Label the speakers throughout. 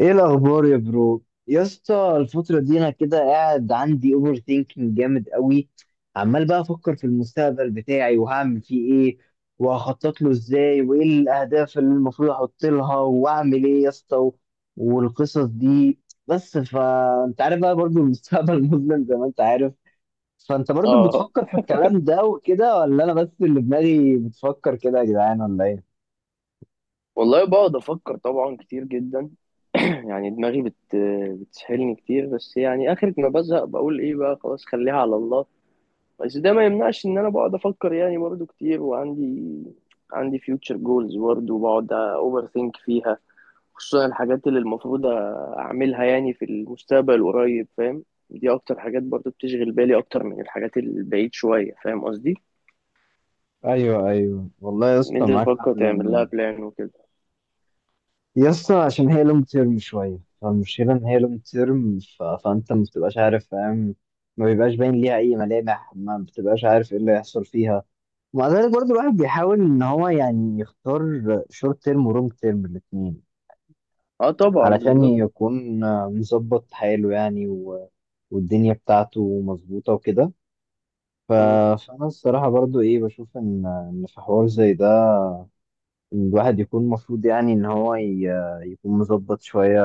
Speaker 1: ايه الاخبار يا برو يا اسطى؟ الفتره دي انا كده قاعد عندي اوفر ثينكينج جامد قوي. عمال بقى افكر في المستقبل بتاعي وهعمل فيه ايه، وهخطط له ازاي، وايه الاهداف اللي المفروض احط لها واعمل ايه يا اسطى والقصص دي. بس فانت عارف بقى برضو المستقبل مظلم زي ما انت عارف. فانت برضو
Speaker 2: اه،
Speaker 1: بتفكر في الكلام ده وكده، ولا انا بس اللي دماغي بتفكر كده يا جدعان ولا ايه؟
Speaker 2: والله بقعد افكر طبعا كتير جدا. يعني دماغي بتسحلني كتير، بس يعني اخر ما بزهق بقول ايه بقى خلاص خليها على الله. بس ده ما يمنعش ان انا بقعد افكر يعني برضو كتير، وعندي future goals برضو بقعد اوفر ثينك فيها، خصوصا الحاجات اللي المفروض اعملها يعني في المستقبل القريب، فاهم؟ دي اكتر حاجات برضو بتشغل بالي اكتر من الحاجات البعيد شوية، فاهم قصدي؟
Speaker 1: ايوه ايوه والله يا
Speaker 2: ان
Speaker 1: اسطى،
Speaker 2: انت
Speaker 1: معاك حق.
Speaker 2: تفكر تعمل لها
Speaker 1: لان
Speaker 2: بلان وكده.
Speaker 1: يا اسطى عشان هي لونج تيرم شويه، فالمشكله ان هي لونج تيرم فانت ما بتبقاش عارف، فاهم؟ ما بيبقاش باين ليها اي ملامح، ما بتبقاش عارف ايه اللي هيحصل فيها. ومع ذلك برضه الواحد بيحاول ان هو يعني يختار شورت تيرم ولونج تيرم الاثنين
Speaker 2: اه طبعا
Speaker 1: علشان
Speaker 2: بالظبط.
Speaker 1: يكون مظبط حاله يعني والدنيا بتاعته مظبوطه وكده. ف...
Speaker 2: م-
Speaker 1: فانا الصراحه برضه ايه، بشوف ان في حوار زي ده الواحد يكون المفروض يعني ان هو يكون مظبط شويه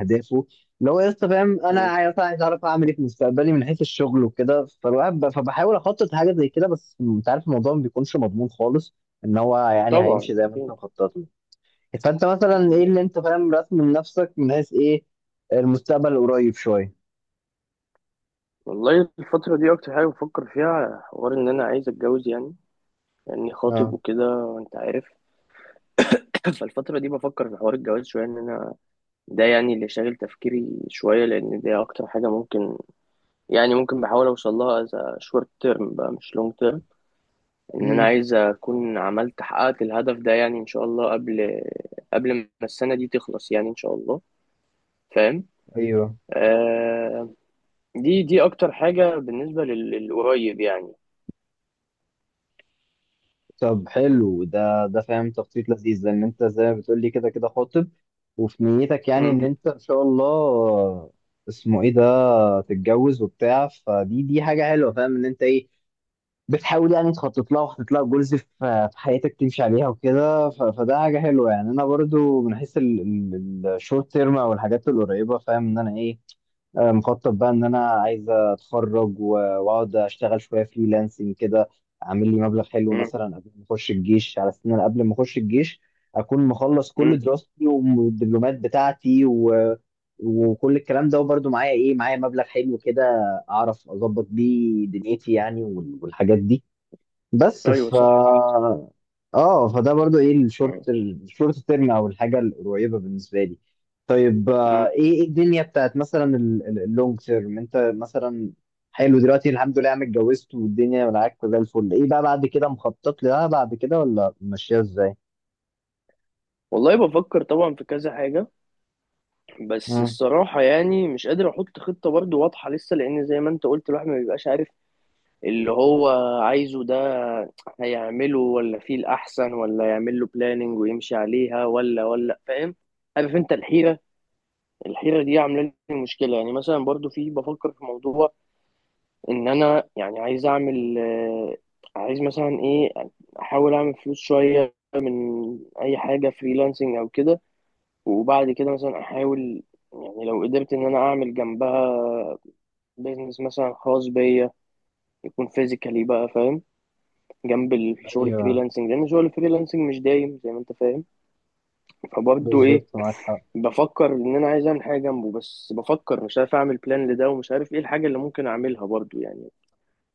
Speaker 1: اهدافه. لو يا اسطى فاهم، انا
Speaker 2: م.
Speaker 1: عايز اعرف اعمل ايه في مستقبلي من حيث الشغل وكده، فالواحد فبحاول اخطط حاجه زي كده. بس انت عارف الموضوع ما بيكونش مضمون خالص ان هو يعني هيمشي
Speaker 2: طبعا
Speaker 1: زي ما انت
Speaker 2: أكيد.
Speaker 1: مخطط له. فانت مثلا ايه
Speaker 2: بالظبط.
Speaker 1: اللي انت فاهم رسم لنفسك من حيث ايه المستقبل القريب شويه؟
Speaker 2: والله الفترة دي أكتر حاجة بفكر فيها حوار إن أنا عايز أتجوز يعني، لأني خاطب
Speaker 1: اه،
Speaker 2: وكده أنت عارف. فالفترة دي بفكر في حوار الجواز شوية إن أنا، ده يعني اللي شاغل تفكيري شوية، لأن دي أكتر حاجة ممكن يعني ممكن بحاول أوصل لها، شورت تيرم بقى مش لونج تيرم. إن أنا
Speaker 1: امم،
Speaker 2: عايز أكون عملت حققت الهدف ده، يعني إن شاء الله قبل ما السنة دي تخلص، يعني إن شاء الله. فاهم.
Speaker 1: ايوه.
Speaker 2: آه دي أكتر حاجة بالنسبة للقريب يعني.
Speaker 1: طب حلو، ده ده فاهم تخطيط لذيذ، لان انت زي ما بتقولي كده كده خاطب وفي نيتك يعني ان انت ان شاء الله اسمه ايه ده، تتجوز وبتاع. فدي دي حاجه حلوه، فاهم ان انت ايه بتحاول يعني تخطط لها وحاطط لها جولز في في حياتك تمشي عليها وكده. فده حاجه حلوه. يعني انا برضو من حيث الشورت تيرم او الحاجات القريبه، فاهم ان انا ايه، آه، مخطط بقى ان انا عايز اتخرج واقعد اشتغل شويه فريلانسنج كده، اعمل لي مبلغ حلو
Speaker 2: مم.
Speaker 1: مثلا قبل ما اخش الجيش. على سنة أنا قبل ما اخش الجيش اكون مخلص كل
Speaker 2: مم.
Speaker 1: دراستي والدبلومات بتاعتي وكل الكلام ده، وبرده معايا ايه، معايا مبلغ حلو كده اعرف اظبط بيه دنيتي يعني، والحاجات دي. بس
Speaker 2: ايوه
Speaker 1: ف،
Speaker 2: صح، احسن.
Speaker 1: اه، فده برضو ايه
Speaker 2: مم.
Speaker 1: الشورت تيرم او الحاجه القريبه بالنسبه لي. طيب آه،
Speaker 2: مم.
Speaker 1: ايه ايه الدنيا بتاعت مثلا اللونج تيرم انت مثلا؟ حلو دلوقتي الحمد لله عم اتجوزت والدنيا معاك زي الفل، ايه بقى بعد كده مخطط لها بعد كده، ولا ماشيه ازاي؟
Speaker 2: والله بفكر طبعا في كذا حاجه، بس
Speaker 1: مم.
Speaker 2: الصراحه يعني مش قادر احط خطه برضو واضحه لسه، لان زي ما انت قلت الواحد ما بيبقاش عارف اللي هو عايزه ده هيعمله ولا فيه الاحسن، ولا يعمل له بلاننج ويمشي عليها، ولا فاهم؟ عارف انت الحيره دي عامله لي مشكله. يعني مثلا برضو في بفكر في موضوع ان انا يعني عايز اعمل، عايز مثلا ايه، احاول اعمل فلوس شويه من اي حاجه فريلانسنج او كده، وبعد كده مثلا احاول، يعني لو قدرت ان انا اعمل جنبها بيزنس مثلا خاص بيا، يكون فيزيكالي بقى فاهم، جنب الشغل
Speaker 1: ايوه،
Speaker 2: الفريلانسنج لان شغل الفريلانسنج مش دايم زي ما انت فاهم. فبرضه ايه،
Speaker 1: بالظبط معاك حق.
Speaker 2: بفكر ان انا عايز اعمل حاجه جنبه، بس بفكر مش عارف اعمل بلان لده، ومش عارف ايه الحاجه اللي ممكن اعملها برضه يعني.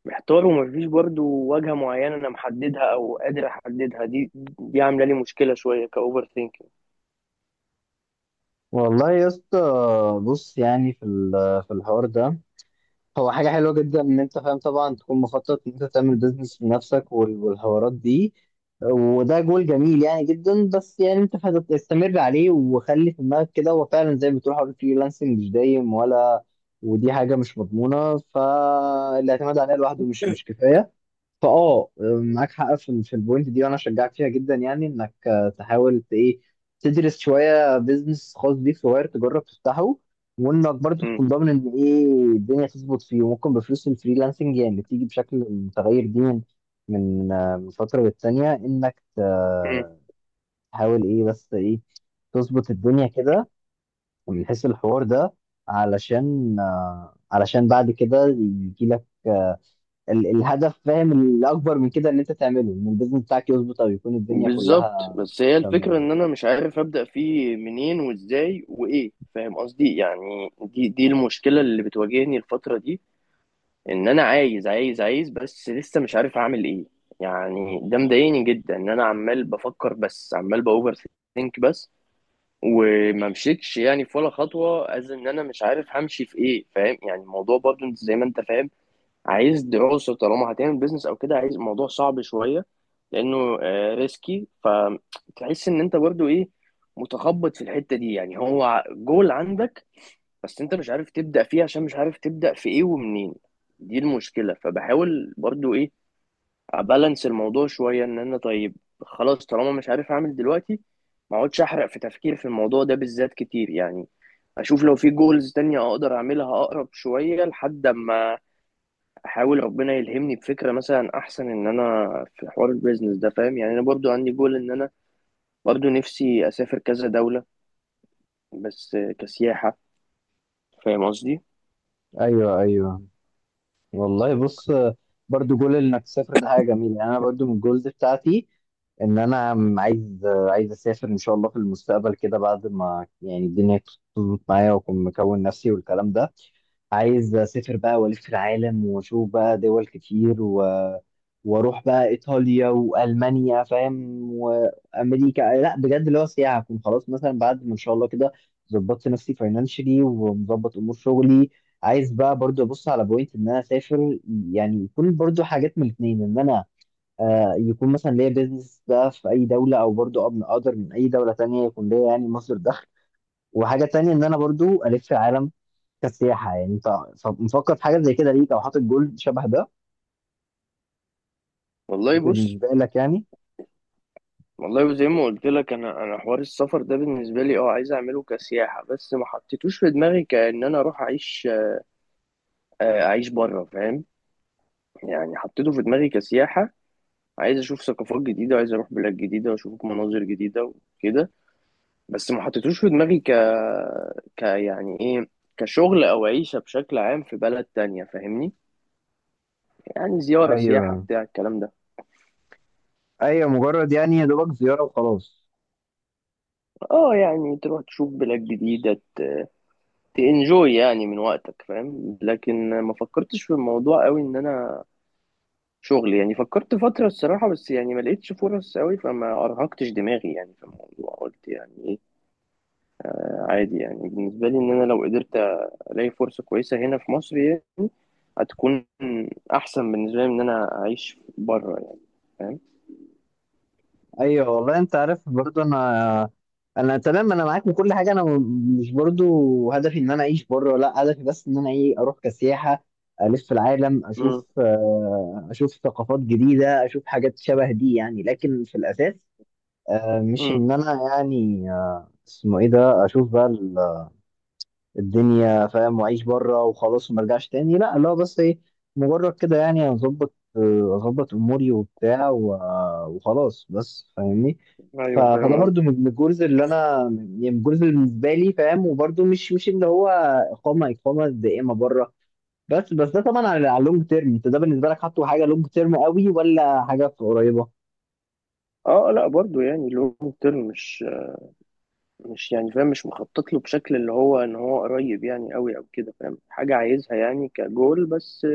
Speaker 2: محتار، ومفيش برضو واجهة معينة أنا محددها أو قادر أحددها. دي عاملة لي مشكلة شوية كأوفر ثينكينج.
Speaker 1: والله يا اسطى، بص، يعني في في الحوار ده هو حاجة حلوة جدا إن أنت فاهم طبعا تكون مخطط إن أنت تعمل بيزنس لنفسك والحوارات دي، وده جول جميل يعني جدا. بس يعني أنت استمر عليه وخلي في دماغك كده، هو فعلا زي ما بتقول حوار الفريلانسنج مش دايم ولا، ودي حاجة مش مضمونة، فالاعتماد عليها لوحده مش كفاية، فاه، معاك حق في في البوينت دي، وانا اشجعك فيها جدا. يعني انك آه، تحاول ايه، تدرس شويه بيزنس خاص بيك صغير، تجرب تفتحه. وانك برضو
Speaker 2: مم.
Speaker 1: تكون ضامن ان ايه الدنيا تظبط فيه، وممكن بفلوس الفريلانسنج يعني اللي بتيجي بشكل متغير دي من من آه، من فتره للتانيه انك
Speaker 2: مم.
Speaker 1: تحاول ايه بس ايه تظبط الدنيا كده من حيث الحوار ده، علشان آه، علشان بعد كده يجي لك الهدف، فاهم الاكبر من كده، ان انت تعمله، ان البيزنس بتاعك يظبط او يكون الدنيا
Speaker 2: بالظبط.
Speaker 1: كلها
Speaker 2: بس هي الفكرة
Speaker 1: تمام.
Speaker 2: إن أنا مش عارف أبدأ فيه منين وإزاي وإيه، فاهم قصدي؟ يعني دي المشكلة اللي بتواجهني الفترة دي. إن أنا عايز، بس لسه مش عارف أعمل إيه. يعني ده مضايقني جدا إن أنا عمال بفكر، بس عمال بأوفر ثينك بس، وما مشيتش يعني في ولا خطوة. ان انا مش عارف همشي في ايه، فاهم؟ يعني الموضوع برضو انت زي ما انت فاهم، عايز دراسة طالما هتعمل بيزنس او كده، عايز الموضوع صعب شوية لانه ريسكي. فتحس ان انت برضو ايه، متخبط في الحتة دي. يعني هو جول عندك بس انت مش عارف تبدأ فيه عشان مش عارف تبدأ في ايه ومنين. دي المشكلة. فبحاول برضو ابالانس الموضوع شويه، ان انا طيب خلاص طالما مش عارف اعمل دلوقتي، ما اقعدش احرق في تفكير في الموضوع ده بالذات كتير يعني. اشوف لو في جولز تانية اقدر اعملها اقرب شويه، لحد اما احاول ربنا يلهمني بفكره مثلا احسن، ان انا في حوار البيزنس ده فاهم. يعني انا برضو عندي جول ان انا برضو نفسي اسافر كذا دوله، بس كسياحه، فاهم قصدي؟
Speaker 1: ايوه ايوه والله، بص، برضو جول انك تسافر ده حاجه جميله. يعني انا برضو من الجولز بتاعتي ان انا عايز اسافر ان شاء الله في المستقبل كده، بعد ما يعني الدنيا تظبط معايا واكون مكون نفسي والكلام ده. عايز اسافر بقى والف العالم واشوف بقى دول كتير واروح بقى ايطاليا والمانيا فاهم، وامريكا، لا بجد اللي هو سياحه، اكون خلاص مثلا بعد ما ان شاء الله كده ظبطت نفسي فاينانشلي ومظبط امور شغلي، عايز بقى برضو ابص على بوينت ان انا اسافر. يعني يكون برضو حاجات من الاثنين، ان انا آه يكون مثلا ليا بيزنس بقى في اي دوله، او برضو ابن اقدر من اي دوله تانية يكون ليا يعني مصدر دخل، وحاجه تانية ان انا برضو الف العالم كسياحة. يعني انت مفكر في حاجة زي كده ليك، او حاطط جول شبه ده
Speaker 2: والله بص.
Speaker 1: بالنسبة لك يعني؟
Speaker 2: والله زي ما قلت لك انا، حوار السفر ده بالنسبه لي اه عايز اعمله كسياحه، بس ما حطيتوش في دماغي كأن انا اروح اعيش، اعيش بره، فاهم؟ يعني حطيته في دماغي كسياحه، عايز اشوف ثقافات جديده وعايز اروح بلاد جديده واشوف مناظر جديده وكده. بس ما حطيتوش في دماغي يعني ايه، كشغل او عيشه بشكل عام في بلد تانية، فاهمني؟ يعني زياره سياحه
Speaker 1: ايوه
Speaker 2: بتاع الكلام ده.
Speaker 1: ايوه، مجرد يعني يا دوبك زياره وخلاص.
Speaker 2: اه يعني تروح تشوف بلاد جديده، تنجوي يعني من وقتك، فاهم؟ لكن ما فكرتش في الموضوع قوي ان انا شغل يعني. فكرت فترة الصراحة، بس يعني ما لقيتش فرص قوي فما ارهقتش دماغي يعني في الموضوع. قلت يعني ايه عادي يعني، بالنسبة لي ان انا لو قدرت الاقي فرصة كويسة هنا في مصر يعني، هتكون احسن بالنسبة لي من ان انا اعيش بره يعني، فاهم؟
Speaker 1: ايوه والله، انت عارف برضو انا، انا تمام، انا معاك من كل حاجه. انا مش برضو هدفي ان انا اعيش بره، لا هدفي بس ان انا ايه اروح كسياحه، الف العالم اشوف آه، اشوف ثقافات جديده، اشوف حاجات شبه دي يعني. لكن في الاساس آه، مش
Speaker 2: امم.
Speaker 1: ان انا يعني آه، اسمه ايه ده، اشوف بقى الدنيا فاهم واعيش بره وخلاص وما ارجعش تاني، لا لا، بس ايه مجرد كده يعني اظبط اموري وبتاع وخلاص بس، فاهمني؟
Speaker 2: ايوه
Speaker 1: فده
Speaker 2: فاهم
Speaker 1: برضو
Speaker 2: قصدي.
Speaker 1: من من الجولز اللي انا، يعني من الجولز اللي بالنسبه لي، فاهم، وبرضو مش اللي هو اقامه دائمه بره. بس بس ده طبعا على على لونج تيرم. انت ده بالنسبه لك حاطه حاجه لونج تيرم قوي، ولا حاجه قريبه؟
Speaker 2: اه لا برضو يعني لونج تيرم، مش يعني فاهم مش مخطط له بشكل اللي هو ان هو قريب يعني قوي او كده، فاهم. حاجه عايزها يعني كجول بس،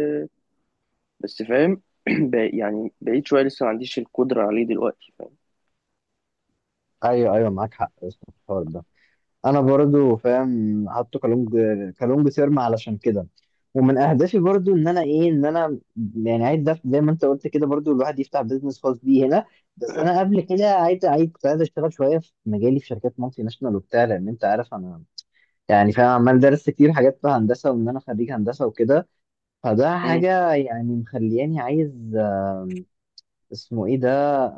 Speaker 2: فاهم. يعني بعيد شويه، لسه ما عنديش القدره عليه دلوقتي، فاهم.
Speaker 1: ايوه ايوه معاك حق يا أسطى في الحوار ده. انا برضو فاهم حاطه كالونج كالونج سيرما علشان كده. ومن اهدافي برضو ان انا ايه، ان انا يعني عايز ده زي ما انت قلت كده، برضو الواحد يفتح بيزنس خاص بيه هنا. بس انا قبل كده عايز كنت عايز اشتغل شويه في مجالي في شركات مالتي ناشونال وبتاع، لان انت عارف انا يعني فاهم عمال درست كتير حاجات في هندسه وان انا خريج هندسه وكده. فده
Speaker 2: مم.
Speaker 1: حاجه يعني مخلياني عايز آم، اسمه ايه ده،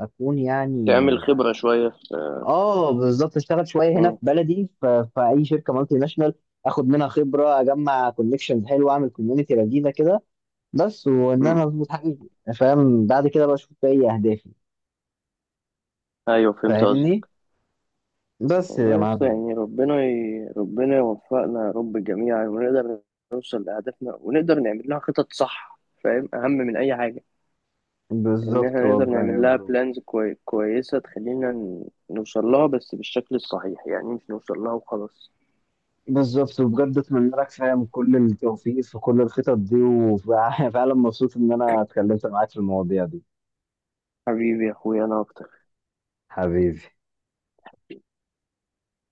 Speaker 1: اكون يعني،
Speaker 2: تعمل خبره شويه في.
Speaker 1: اه بالظبط، اشتغل شويه هنا في
Speaker 2: مم.
Speaker 1: بلدي في اي شركه مالتي ناشونال اخد منها خبره، اجمع كونكشنز حلوه، اعمل كوميونتي لذيذه كده بس، وان
Speaker 2: مم.
Speaker 1: انا اظبط حاجتي، فاهم، بعد كده بقى اشوف بقى ايه اهدافي،
Speaker 2: ايوه فهمت
Speaker 1: فاهمني؟
Speaker 2: قصدك.
Speaker 1: بس يا
Speaker 2: والله يا اسطى
Speaker 1: معلم.
Speaker 2: يعني ربنا يوفقنا يا رب جميعا، ونقدر نوصل لاهدافنا، ونقدر نعمل لها خطط صح فاهم، اهم من اي حاجه. ان
Speaker 1: بالظبط
Speaker 2: احنا نقدر
Speaker 1: والله يا
Speaker 2: نعمل لها
Speaker 1: برو.
Speaker 2: بلانز كويسة تخلينا نوصل لها، بس بالشكل الصحيح يعني، مش نوصل لها وخلاص.
Speaker 1: بالظبط وبجد اتمنى لك فاهم كل التوفيق في كل الخطط دي، وفعلا مبسوط ان انا اتكلمت معاك في المواضيع دي.
Speaker 2: حبيبي يا اخويا، انا اكتر.
Speaker 1: حبيبي.